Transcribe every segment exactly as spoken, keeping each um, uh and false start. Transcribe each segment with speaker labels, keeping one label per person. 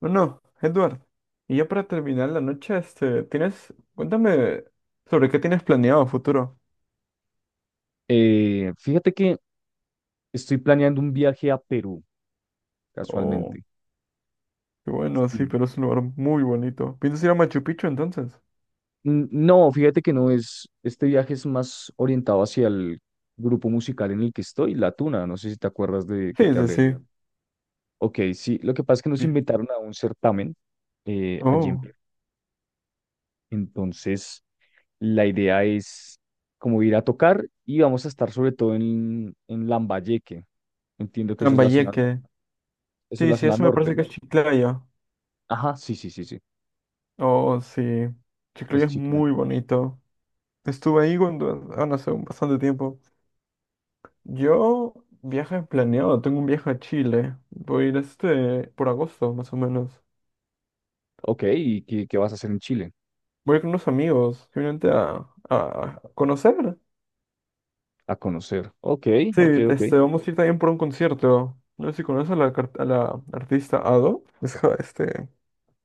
Speaker 1: Bueno, Edward, y ya para terminar la noche, este, tienes, cuéntame sobre qué tienes planeado a futuro.
Speaker 2: Eh, fíjate que estoy planeando un viaje a Perú,
Speaker 1: Oh,
Speaker 2: casualmente.
Speaker 1: qué bueno, sí,
Speaker 2: Sí.
Speaker 1: pero es un lugar muy bonito. ¿Piensas ir a Machu Picchu entonces?
Speaker 2: N- No, fíjate que no es, este viaje es más orientado hacia el grupo musical en el que estoy, La Tuna. No sé si te acuerdas de que
Speaker 1: Sí,
Speaker 2: te
Speaker 1: sí,
Speaker 2: hablé de.
Speaker 1: sí.
Speaker 2: Ok, sí, lo que pasa es que nos
Speaker 1: Bien.
Speaker 2: invitaron a un certamen eh, allí en
Speaker 1: Oh,
Speaker 2: Perú. Entonces, la idea es como ir a tocar y vamos a estar sobre todo en, en Lambayeque. Entiendo que eso es la zona,
Speaker 1: Trambayeque.
Speaker 2: eso es
Speaker 1: Sí,
Speaker 2: la
Speaker 1: sí,
Speaker 2: zona
Speaker 1: eso me
Speaker 2: norte,
Speaker 1: parece que
Speaker 2: ¿no?
Speaker 1: es Chiclayo.
Speaker 2: Ajá, sí, sí, sí, sí.
Speaker 1: Oh, sí. Chiclayo
Speaker 2: Es
Speaker 1: es
Speaker 2: chica.
Speaker 1: muy bonito. Estuve ahí cuando, ah, no sé, un bastante tiempo. Yo viaje planeado, Tengo un viaje a Chile. Voy a ir este por agosto, más o menos.
Speaker 2: Ok, ¿y qué, qué vas a hacer en Chile?
Speaker 1: Voy con unos amigos, simplemente a, a conocer.
Speaker 2: A conocer. Ok,
Speaker 1: Sí,
Speaker 2: ok, ok.
Speaker 1: este, vamos a ir también por un concierto. No sé si conoces a la, car- a la artista Ado. Es ja- este,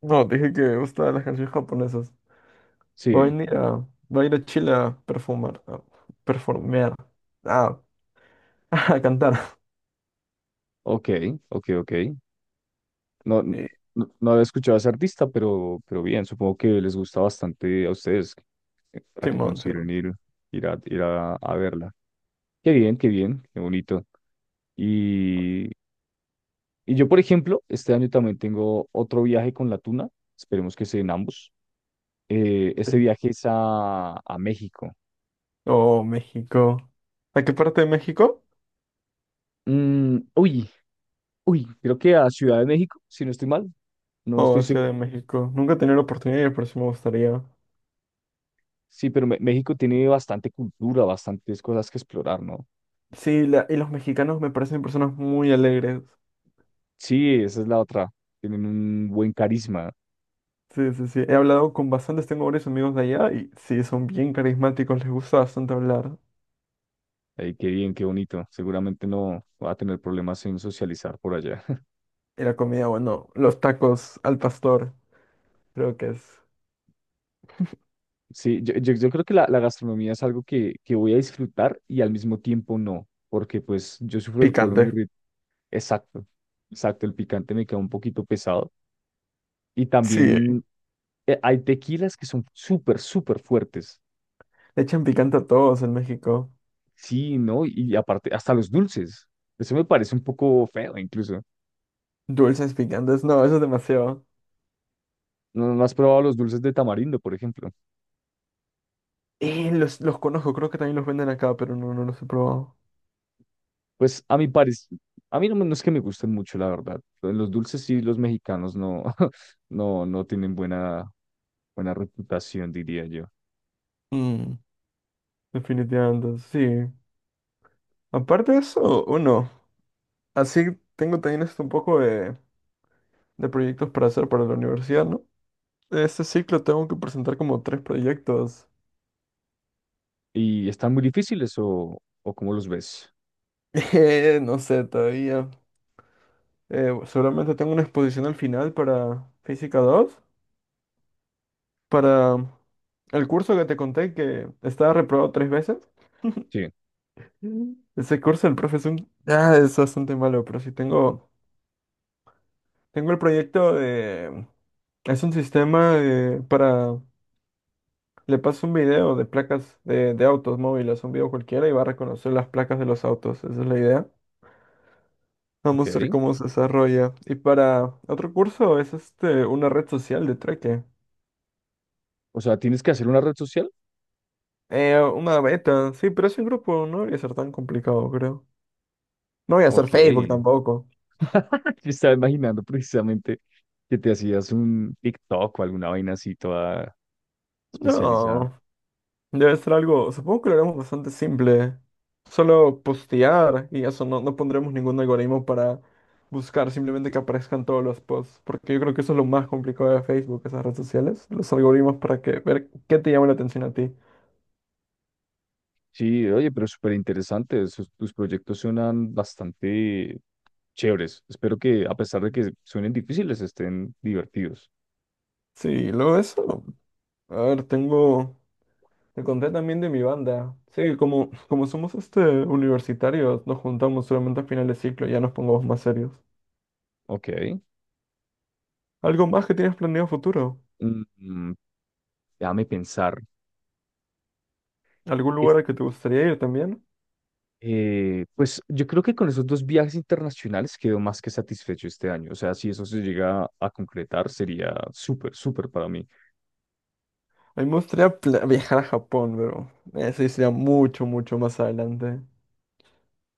Speaker 1: no, dije que me gustan las canciones japonesas. Va a
Speaker 2: Sí,
Speaker 1: venir a, Va a ir a Chile a perfumar, a performear, a, a cantar.
Speaker 2: ok, ok, ok. No, n-
Speaker 1: Y,
Speaker 2: no, no había escuchado a ese artista, pero, pero bien, supongo que les gusta bastante a ustedes eh, para que
Speaker 1: Simón,
Speaker 2: consideren
Speaker 1: Simón.
Speaker 2: ir, ir a, ir a, a verla. Qué bien, qué bien, qué bonito. Y, y yo, por ejemplo, este año también tengo otro viaje con la Tuna. Esperemos que sean ambos. Eh,
Speaker 1: Sí.
Speaker 2: este viaje es a, a México.
Speaker 1: Oh, México. ¿A qué parte de México?
Speaker 2: Mm, uy, uy, creo que a Ciudad de México, si no estoy mal. No estoy
Speaker 1: Oh, Ciudad de
Speaker 2: seguro.
Speaker 1: México. Nunca he tenido la oportunidad, pero sí me gustaría.
Speaker 2: Sí, pero Me- México tiene bastante cultura, bastantes cosas que explorar, ¿no?
Speaker 1: Sí, la- y los mexicanos me parecen personas muy alegres.
Speaker 2: Sí, esa es la otra. Tienen un buen carisma.
Speaker 1: Sí, sí, sí. He hablado con bastantes, tengo varios amigos de allá y sí, son bien carismáticos, les gusta bastante hablar.
Speaker 2: Ay, qué bien, qué bonito. Seguramente no va a tener problemas en socializar por allá.
Speaker 1: Y la comida, bueno, los tacos al pastor, creo que es
Speaker 2: Sí, yo, yo, yo creo que la, la gastronomía es algo que, que voy a disfrutar y al mismo tiempo no, porque pues yo sufro el colon
Speaker 1: picante.
Speaker 2: irritable. Exacto, exacto. El picante me queda un poquito pesado. Y
Speaker 1: Sí,
Speaker 2: también eh, hay tequilas que son súper, súper fuertes.
Speaker 1: le echan picante a todos en México.
Speaker 2: Sí, ¿no? Y aparte, hasta los dulces. Eso me parece un poco feo, incluso.
Speaker 1: Dulces picantes, no, eso es demasiado.
Speaker 2: ¿No, no has probado los dulces de tamarindo, por ejemplo?
Speaker 1: Eh, los, los conozco, creo que también los venden acá, pero no, no los he probado.
Speaker 2: Pues a mi parecer, a mí no, me- no es que me gusten mucho, la verdad. Pues, los dulces sí, los mexicanos no, no, no tienen buena, buena reputación, diría yo.
Speaker 1: Mm, definitivamente, sí. Aparte de eso, uno, así tengo también esto un poco de, de proyectos para hacer para la universidad, ¿no? Este ciclo tengo que presentar como tres proyectos.
Speaker 2: ¿Y están muy difíciles o, o cómo los ves?
Speaker 1: Eh, no sé todavía. Eh, seguramente tengo una exposición al final para Física dos. Para el curso que te conté que estaba reprobado tres veces.
Speaker 2: Sí,
Speaker 1: Mm. Ese curso el profe es un- Ah, es bastante malo, pero sí tengo. Tengo el proyecto de. Es un sistema de- para. Le paso un video de placas de, de autos móviles, un video cualquiera y va a reconocer las placas de los autos. Esa es la idea.
Speaker 2: ok.
Speaker 1: Vamos a ver cómo se desarrolla. Y para otro curso es este una red social de Treke.
Speaker 2: O sea, ¿tienes que hacer una red social?
Speaker 1: Eh, una beta, sí, pero es un grupo, no debería ser tan complicado, creo. No voy a
Speaker 2: Ok.
Speaker 1: hacer Facebook tampoco.
Speaker 2: Yo estaba imaginando precisamente que te hacías un TikTok o alguna vaina así toda especializada.
Speaker 1: No, debe ser algo, supongo que lo haremos bastante simple. Solo postear y eso, no, no pondremos ningún algoritmo para buscar simplemente que aparezcan todos los posts, porque yo creo que eso es lo más complicado de Facebook, esas redes sociales, los algoritmos para que ver qué te llama la atención a ti.
Speaker 2: Sí, oye, pero súper interesante. esos- Tus proyectos suenan bastante chéveres. Espero que, a pesar de que suenen difíciles, estén divertidos.
Speaker 1: Sí, luego de eso, a ver, tengo. Te conté también de mi banda. Sí, como, como somos este universitarios, nos juntamos solamente a final de ciclo, ya nos pongamos más serios.
Speaker 2: Ok.
Speaker 1: ¿Algo más que tienes planeado a futuro?
Speaker 2: Mm, mm, Déjame pensar.
Speaker 1: ¿Algún lugar al que te gustaría ir también?
Speaker 2: Eh, pues yo creo que con esos dos viajes internacionales quedo más que satisfecho este año. O sea, si eso se llega a concretar, sería súper, súper para mí.
Speaker 1: A mí me gustaría pla- viajar a Japón, pero eso sería mucho, mucho más adelante.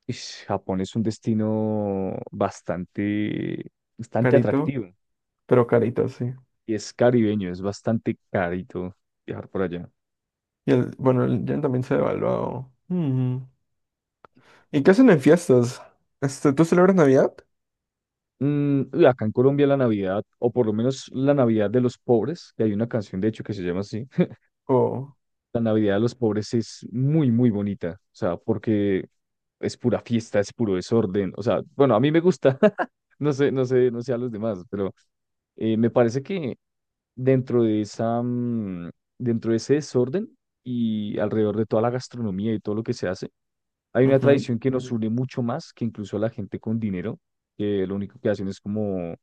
Speaker 2: Ish, Japón es un destino bastante, bastante
Speaker 1: Carito,
Speaker 2: atractivo
Speaker 1: pero carito, sí.
Speaker 2: y es caribeño, es bastante carito viajar por allá.
Speaker 1: Y el, bueno, el yen también se ha devaluado. Ujú. ¿Y qué hacen en fiestas? Este, ¿tú celebras Navidad?
Speaker 2: Mm, y acá en Colombia la Navidad, o por lo menos la Navidad de los pobres, que hay una canción de hecho que se llama así.
Speaker 1: Oh,
Speaker 2: La Navidad de los pobres es muy, muy bonita, o sea, porque es pura fiesta, es puro desorden, o sea, bueno, a mí me gusta, no sé, no sé, no sé a los demás, pero eh, me parece que dentro de esa, mm, dentro de ese desorden y alrededor de toda la gastronomía y todo lo que se hace, hay una
Speaker 1: ujú.
Speaker 2: tradición que nos une mucho más que incluso a la gente con dinero, que lo único que hacen es como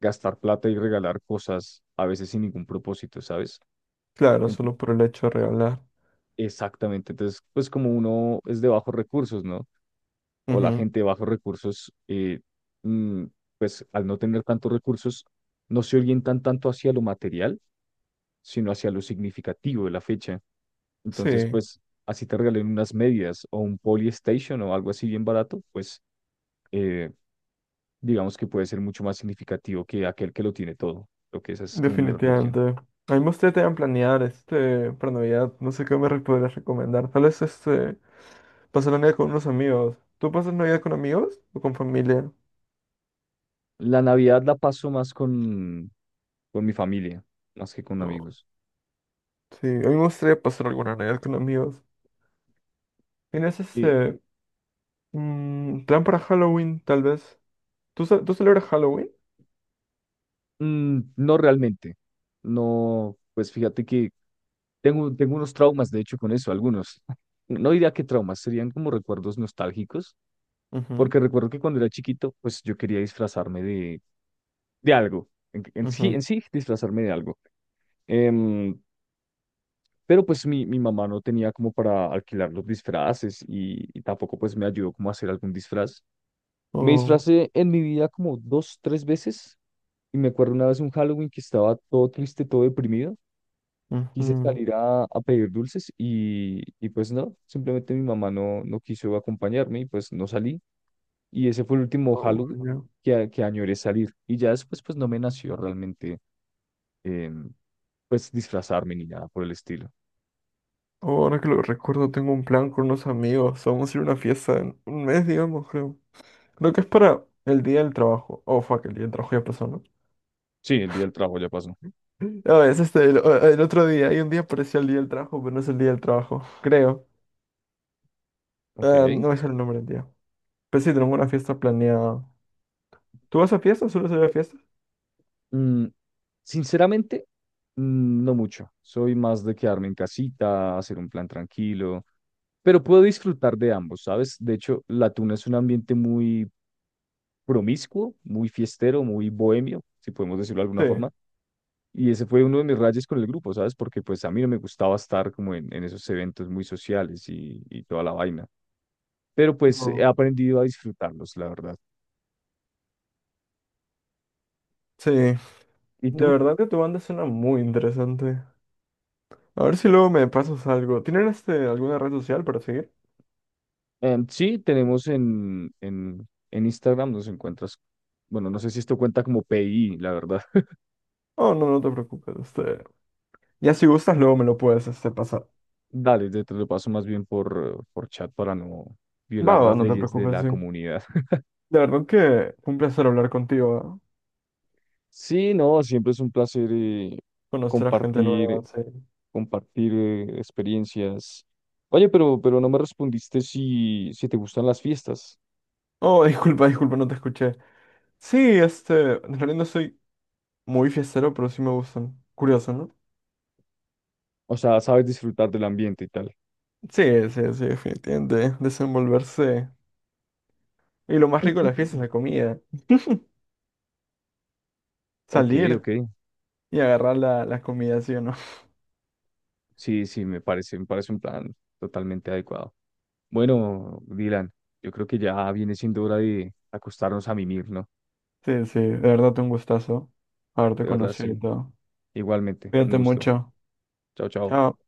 Speaker 2: gastar plata y regalar cosas, a veces sin ningún propósito, ¿sabes?
Speaker 1: Claro, solo por el hecho de regalar.
Speaker 2: Exactamente. Entonces, pues como uno es de bajos recursos, ¿no? O la
Speaker 1: Ujú.
Speaker 2: gente de bajos recursos, eh, mm, pues al no tener tantos recursos, no se orientan tanto hacia lo material, sino hacia lo significativo de la fecha. Entonces,
Speaker 1: Sí.
Speaker 2: pues así te regalen unas medias o un Polystation o algo así bien barato, pues eh, digamos que puede ser mucho más significativo que aquel que lo tiene todo. Lo que esa es como mi reflexión.
Speaker 1: Definitivamente. A mí me gustaría también planear este para Navidad. No sé qué me re- podrías recomendar. Tal vez este pasar la Navidad con unos amigos. ¿Tú pasas Navidad con amigos o con familia?
Speaker 2: La Navidad la paso más con, con mi familia, más que con
Speaker 1: No.
Speaker 2: amigos.
Speaker 1: Sí, a mí me gustaría pasar alguna Navidad con amigos. ¿Tienes ese mm, plan para Halloween, tal vez? ¿Tú, ce- tú celebras Halloween?
Speaker 2: Mm, no realmente. No, pues fíjate que tengo, tengo unos traumas, de hecho, con eso, algunos. No diría que traumas, serían como recuerdos nostálgicos,
Speaker 1: Ujú,
Speaker 2: porque recuerdo que cuando era chiquito, pues yo quería disfrazarme de, de algo. En, en sí,
Speaker 1: ujú.
Speaker 2: en sí, disfrazarme de algo. Em, pero pues mi, mi mamá no tenía como para alquilar los disfraces y, y tampoco pues me ayudó como a hacer algún disfraz. Me
Speaker 1: Oh,
Speaker 2: disfracé en mi vida como dos, tres veces. Y me acuerdo una vez un Halloween que estaba todo triste, todo deprimido. Quise
Speaker 1: ujú.
Speaker 2: salir a, a pedir dulces y, y pues no, simplemente mi mamá no, no quiso acompañarme y pues no salí. Y ese fue el último
Speaker 1: Oh,
Speaker 2: Halloween
Speaker 1: ya.
Speaker 2: que, a- que añoré salir. Y ya después pues no me nació realmente em, pues disfrazarme ni nada por el estilo.
Speaker 1: Oh, ahora que lo recuerdo, tengo un plan con unos amigos. Vamos a ir a una fiesta en un mes, digamos, creo. Creo que es para el día del trabajo. Oh, fuck, el día del trabajo ya pasó, ¿no?
Speaker 2: Sí, el día del trabajo ya pasó.
Speaker 1: No, es este, el, el otro día. Hay un día parecía el día del trabajo, pero no es el día del trabajo, creo.
Speaker 2: Ok.
Speaker 1: Ah, no es el nombre del día. Pero sí, tenemos una fiesta planeada. ¿Tú vas a fiestas? ¿Sueles ir a fiestas?
Speaker 2: Mm, Sinceramente, mm, no mucho. Soy más de quedarme en casita, hacer un plan tranquilo. Pero puedo disfrutar de ambos, ¿sabes? De hecho, la tuna es un ambiente muy promiscuo, muy fiestero, muy bohemio, si podemos decirlo de
Speaker 1: Sí.
Speaker 2: alguna forma. Y ese fue uno de mis rayes con el grupo, ¿sabes? Porque pues a mí no me gustaba estar como en, en esos eventos muy sociales y, y toda la vaina. Pero pues he
Speaker 1: No.
Speaker 2: aprendido a disfrutarlos, la verdad.
Speaker 1: Sí.
Speaker 2: ¿Y
Speaker 1: De
Speaker 2: tú?
Speaker 1: verdad que tu banda suena muy interesante. A ver si luego me pasas algo. ¿Tienen este, alguna red social para seguir?
Speaker 2: Em, sí, tenemos en, en, en Instagram, nos encuentras, bueno, no sé si esto cuenta como P I, la verdad.
Speaker 1: Oh, no, no te preocupes. Este, Ya si gustas, luego me lo puedes este, pasar.
Speaker 2: Dale, te te lo paso más bien por, por chat para no
Speaker 1: Va,
Speaker 2: violar
Speaker 1: va,
Speaker 2: las
Speaker 1: no te
Speaker 2: leyes de
Speaker 1: preocupes,
Speaker 2: la
Speaker 1: sí.
Speaker 2: comunidad.
Speaker 1: De verdad que fue un placer hablar contigo, ¿ah?
Speaker 2: Sí, no, siempre es un placer eh,
Speaker 1: Conocer a gente nueva,
Speaker 2: compartir,
Speaker 1: sí.
Speaker 2: compartir eh, experiencias. Oye, pero, pero no me respondiste si, si te gustan las fiestas.
Speaker 1: Oh, disculpa, disculpa, no te escuché. Sí, este, en realidad no soy muy fiestero, pero sí me gustan. Curioso, ¿no?
Speaker 2: O sea, sabes disfrutar del ambiente y tal.
Speaker 1: Sí, sí, sí, definitivamente. Desenvolverse. Y lo más rico de la fiesta es la comida.
Speaker 2: Ok,
Speaker 1: Salir
Speaker 2: ok.
Speaker 1: y agarrar la, la comida, ¿sí o no?
Speaker 2: Sí, sí, me parece, me parece un plan totalmente adecuado. Bueno, Dylan, yo creo que ya viene siendo hora de acostarnos a mimir, ¿no?
Speaker 1: Sí, sí, de verdad un gustazo haberte
Speaker 2: De verdad,
Speaker 1: conocido y
Speaker 2: sí.
Speaker 1: todo.
Speaker 2: Igualmente, un
Speaker 1: Cuídate
Speaker 2: gusto.
Speaker 1: mucho.
Speaker 2: Chao, chao.
Speaker 1: Chao.